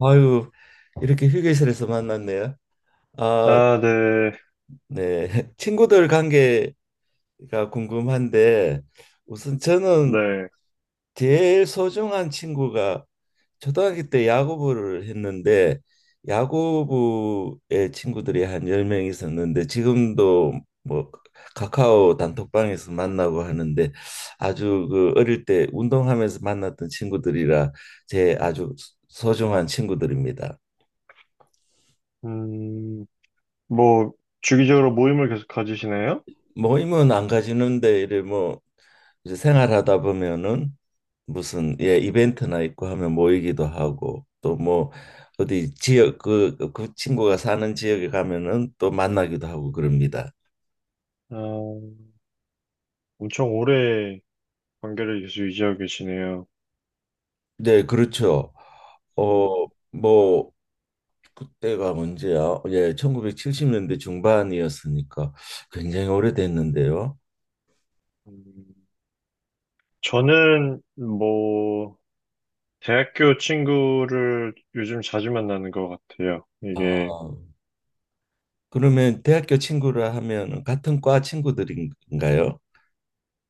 아유, 이렇게 휴게실에서 만났네요. 아, 아, 네, 네. 친구들 관계가 궁금한데, 우선 저는 네. 제일 소중한 친구가 초등학교 때 야구부를 했는데, 야구부의 친구들이 한 10명 있었는데, 지금도 뭐 카카오 단톡방에서 만나고 하는데, 아주 그 어릴 때 운동하면서 만났던 친구들이라 제 아주 소중한 친구들입니다. 음, 뭐, 주기적으로 모임을 계속 가지시나요? 모임은 안 가지는데 이래 뭐 이제 생활하다 보면은 무슨 예 이벤트나 있고 하면 모이기도 하고 또 뭐 어디 지역 그 친구가 사는 지역에 가면은 또 만나기도 하고 그럽니다. 아, 엄청 오래 관계를 계속 유지하고 계시네요. 네, 그렇죠. 음. 어 뭐 그때가 언제야? 예, 1970년대 중반이었으니까 굉장히 오래됐는데요. 음. 저는, 뭐, 대학교 친구를 요즘 자주 만나는 것 같아요. 아, 이게, 그러면 대학교 친구라 하면 같은 과 친구들인가요?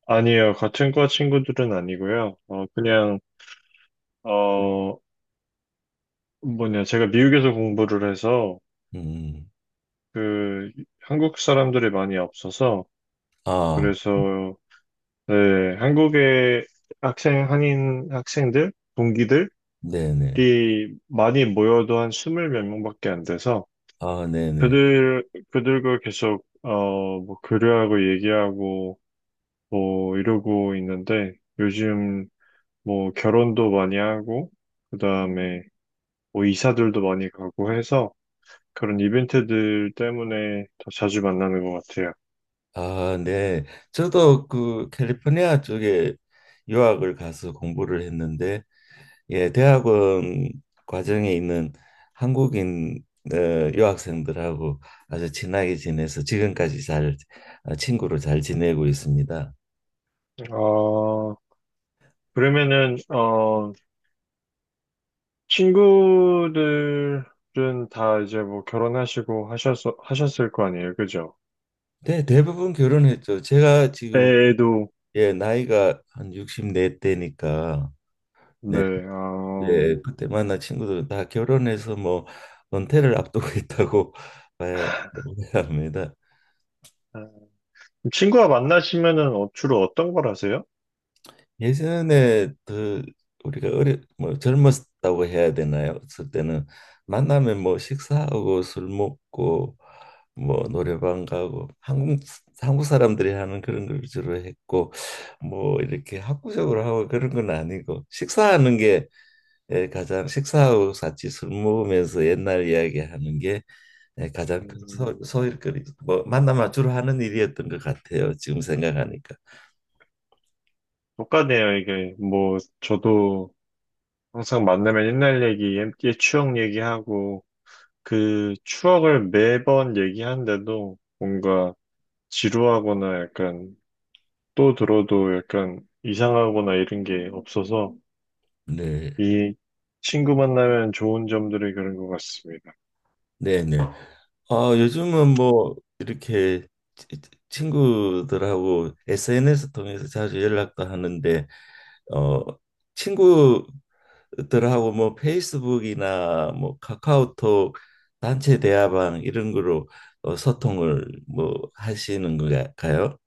아니에요. 같은 과 친구들은 아니고요. 그냥, 어, 뭐냐, 제가 미국에서 공부를 해서, 음. 그, 한국 사람들이 많이 없어서, 아, 그래서 네, 한국의 학생, 한인 학생들, 동기들이 네네. 많이 모여도 한 스물 몇 명밖에 안 돼서 아, 네네. 그들과 계속, 뭐, 교류하고 얘기하고, 뭐, 이러고 있는데 요즘 뭐, 결혼도 많이 하고, 그 다음에 뭐, 이사들도 많이 가고 해서 그런 이벤트들 때문에 더 자주 만나는 것 같아요. 아, 네. 저도 그 캘리포니아 쪽에 유학을 가서 공부를 했는데, 예, 대학원 과정에 있는 한국인 어, 유학생들하고 아주 친하게 지내서 지금까지 잘 친구로 잘 지내고 있습니다. 어, 그러면은, 친구들은 다 이제 뭐 결혼하시고 하셨을 거 아니에요, 그죠? 네, 대부분 결혼했죠. 제가 지금 애도, 예, 나이가 한 64대니까 네, 어, 예, 그때 만난 친구들은 다 결혼해서 뭐 은퇴를 앞두고 있다고 봐야, 봐야 합니다. 친구와 만나시면은 주로 어떤 걸 하세요? 예전에 그 우리가 어려 뭐 젊었다고 해야 되나요? 그 때는 만나면 뭐 식사하고 술 먹고 뭐 노래방 가고 한국 사람들이 하는 그런 걸 주로 했고 뭐 이렇게 학구적으로 하고 그런 건 아니고 식사하는 게 예, 가장 식사하고 같이 술 먹으면서 옛날 이야기하는 게 예, 가장 큰 음, 소일거리 뭐 만나면 주로 하는 일이었던 것 같아요. 지금 생각하니까. 똑같네요, 이게. 뭐, 저도 항상 만나면 옛날 얘기, 옛 추억 얘기하고, 그 추억을 매번 얘기하는데도 뭔가 지루하거나 약간 또 들어도 약간 이상하거나 이런 게 없어서 네, 이 친구 만나면 좋은 점들이 그런 것 같습니다. 네, 네. 아, 요즘은 뭐 이렇게 치- 친구들하고 SNS 통해서 자주 연락도 하는데 어 친구들하고 뭐 페이스북이나 뭐 카카오톡 단체 대화방 이런 거로 소통을 뭐 하시는 건가요?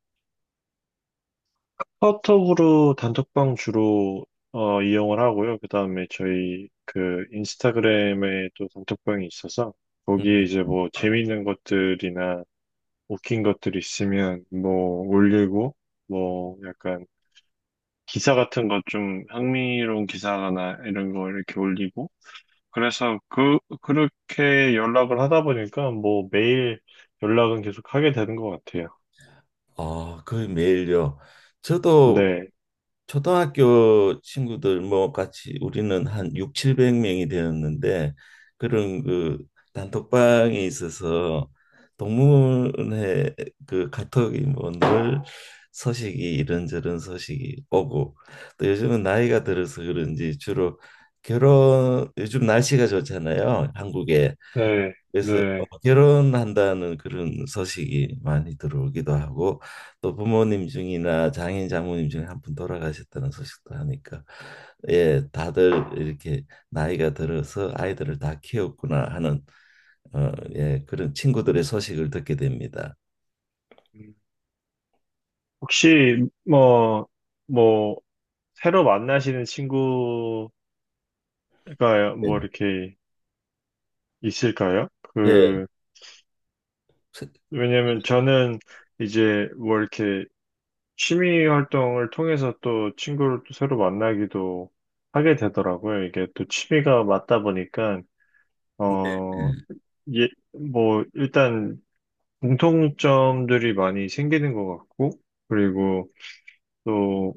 카톡으로 단톡방 주로 이용을 하고요. 그 다음에 저희 그 인스타그램에 또 단톡방이 있어서 음, 거기에 이제 음. 뭐 재밌는 것들이나 웃긴 것들 있으면 뭐 올리고 뭐 약간 기사 같은 것 좀 흥미로운 기사나 이런 거 이렇게 올리고 그래서 그렇게 연락을 하다 보니까 뭐 매일 연락은 계속 하게 되는 것 같아요. 아, 거의 매일요. 저도 네. 초등학교 친구들 뭐 같이 우리는 한 6, 700명이 되었는데 그런 그 단톡방에 있어서 동문회 그 카톡이 뭐 늘 소식이 이런저런 소식이 오고 또 요즘은 나이가 들어서 그런지 주로 결혼 요즘 날씨가 좋잖아요. 한국에. 네, 그래서 네. 결혼한다는 그런 소식이 많이 들어오기도 하고 또 부모님 중이나 장인 장모님 중에 한 분 돌아가셨다는 소식도 하니까 예 다들 이렇게 나이가 들어서 아이들을 다 키웠구나 하는 예 그런 친구들의 소식을 듣게 됩니다. 음. 혹시 뭐, 새로 만나시는 친구가 뭐 네네. 이렇게 있을까요? 예, 그, 세- 왜냐면 저는 이제 뭐 이렇게 취미 활동을 통해서 또 친구를 또 새로 만나기도 하게 되더라고요. 이게 또 취미가 맞다 보니까, 어, 예, 뭐, 일단 공통점들이 많이 생기는 것 같고, 그리고 또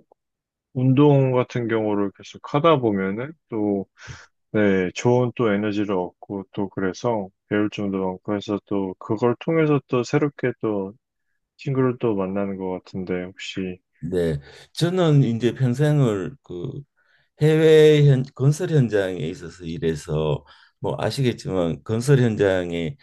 운동 같은 경우를 계속 하다 보면은 또, 네, 좋은 또 에너지를 얻고 또 그래서 배울 점도 많고 해서 또 그걸 통해서 또 새롭게 또 친구를 또 만나는 것 같은데 혹시, 네. 저는 이제 평생을 그 해외 건설 현장에 있어서 일해서 뭐 아시겠지만 건설 현장에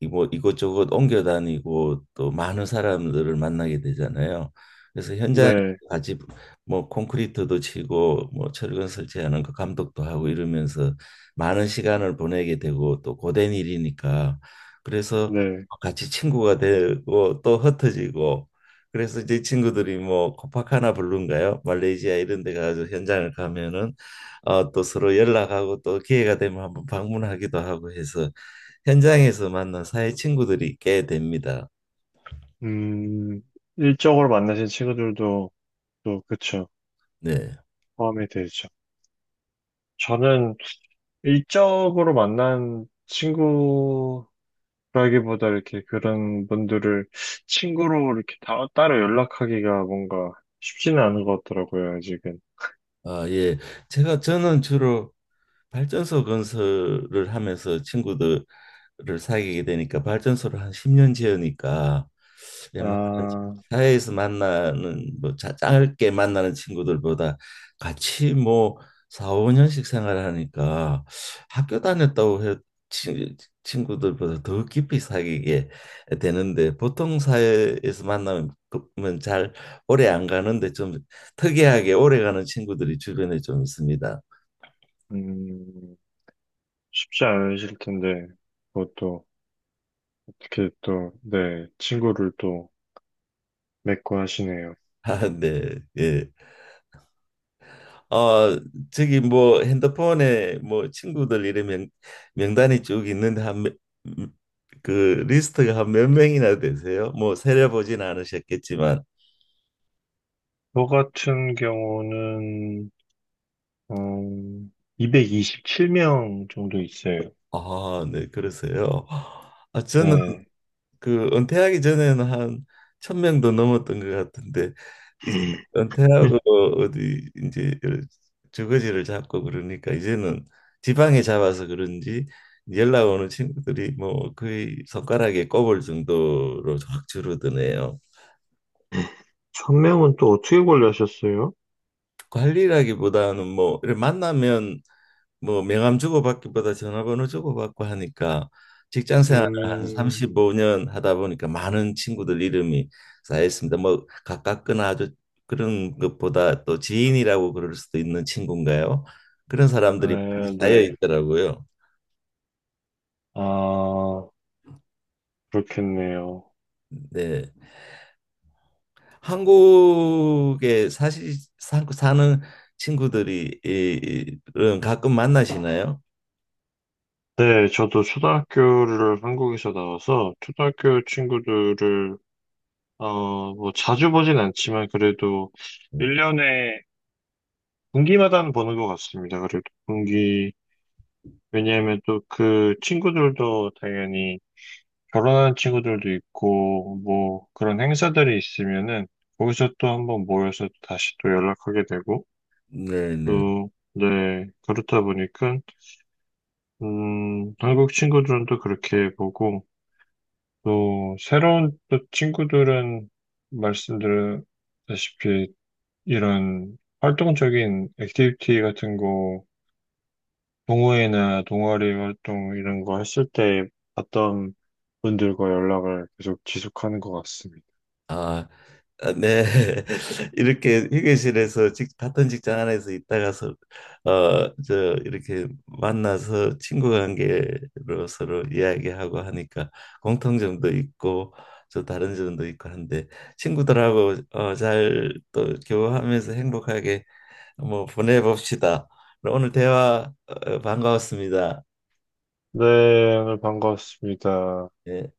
뭐 이곳저곳 옮겨 다니고 또 많은 사람들을 만나게 되잖아요. 그래서 현장에 네, 같이 뭐 콘크리트도 치고 뭐 철근 설치하는 그 감독도 하고 이러면서 많은 시간을 보내게 되고 또 고된 일이니까 그래서 네, 같이 친구가 되고 또 흩어지고 그래서 이제 친구들이 뭐 코파카나 블루인가요? 말레이시아 이런 데 가서 현장을 가면은 또 서로 연락하고 또 기회가 되면 한번 방문하기도 하고 해서 현장에서 만난 사회 친구들이 꽤 됩니다. 음, 일적으로 만나신 친구들도 또 그쵸, 네. 포함이 되죠. 저는 일적으로 만난 친구 그러기보다 이렇게 그런 분들을 친구로 이렇게 따로 연락하기가 뭔가 쉽지는 않은 것 같더라고요, 아직은. 아, 예. 제가 저는 주로 발전소 건설을 하면서 친구들을 사귀게 되니까 발전소를 한 10년 지으니까 웬만한 아, 사회에서 만나는 뭐 짧게 만나는 친구들보다 같이 뭐 4, 5년씩 생활하니까 학교 다녔다고 해 친- 친구들보다 더 깊이 사귀게 되는데 보통 사회에서 만나면 잘 오래 안 가는데 좀 특이하게 오래 가는 친구들이 주변에 좀 있습니다. 음, 쉽지 않으실 텐데, 그것도 어떻게 또, 네, 친구를 또 맺고 하시네요. 아, 네. 예. 어, 저기 뭐 핸드폰에 뭐 친구들 이름 명단이 쭉 있는데 한그 리스트가 한 몇 명이나 되세요? 뭐 세려보진 않으셨겠지만 저 같은 경우는, 음, 227명 정도 있어요. 아, 네. 그러세요. 아, 저는 네. 그 은퇴하기 전에는 한 천 명도 넘었던 것 같은데 이제 은퇴하고 어디 이제 주거지를 잡고 그러니까 이제는 지방에 잡아서 그런지 연락 오는 친구들이 뭐 거의 손가락에 꼽을 정도로 확 줄어드네요. 천명은또 어떻게 관리하셨어요? 관리라기보다는 뭐 이렇게 만나면 뭐 명함 주고받기보다 전화번호 주고받고 하니까 직장 생활을 한 음, 35년 하다 보니까 많은 친구들 이름이 쌓였습니다. 뭐 가깝거나 아주 그런 것보다 또 지인이라고 그럴 수도 있는 친구인가요? 그런 사람들이 네, 많이 쌓여 네. 있더라고요. 아, 그렇겠네요. 네. 한국에 사실 사는 친구들이 이런 가끔 만나시나요? 네, 저도 초등학교를 한국에서 나와서 초등학교 친구들을 어, 뭐 자주 보진 않지만 그래도 1년에 분기마다는 보는 것 같습니다. 그래도 분기 왜냐하면 또 그 친구들도 당연히 결혼한 친구들도 있고 뭐 그런 행사들이 있으면은 거기서 또 한번 모여서 다시 또 연락하게 되고 네, 네. 또 네, 그렇다 보니까 한국 친구들은 또 그렇게 보고 또 새로운 또 친구들은 말씀드렸다시피 이런 활동적인 액티비티 같은 거 동호회나 동아리 활동 이런 거 했을 때 봤던 분들과 연락을 계속 지속하는 것 같습니다. 아, 아, 네. 이렇게 휴게실에서 같은 직장 안에서 있다가서 저 이렇게 만나서 친구 관계로 서로 이야기하고 하니까 공통점도 있고 저 다른 점도 있고 한데 친구들하고 잘 또 교류하면서 행복하게 뭐 보내봅시다. 오늘 대화 반가웠습니다. 네, 오늘 반가웠습니다. 예.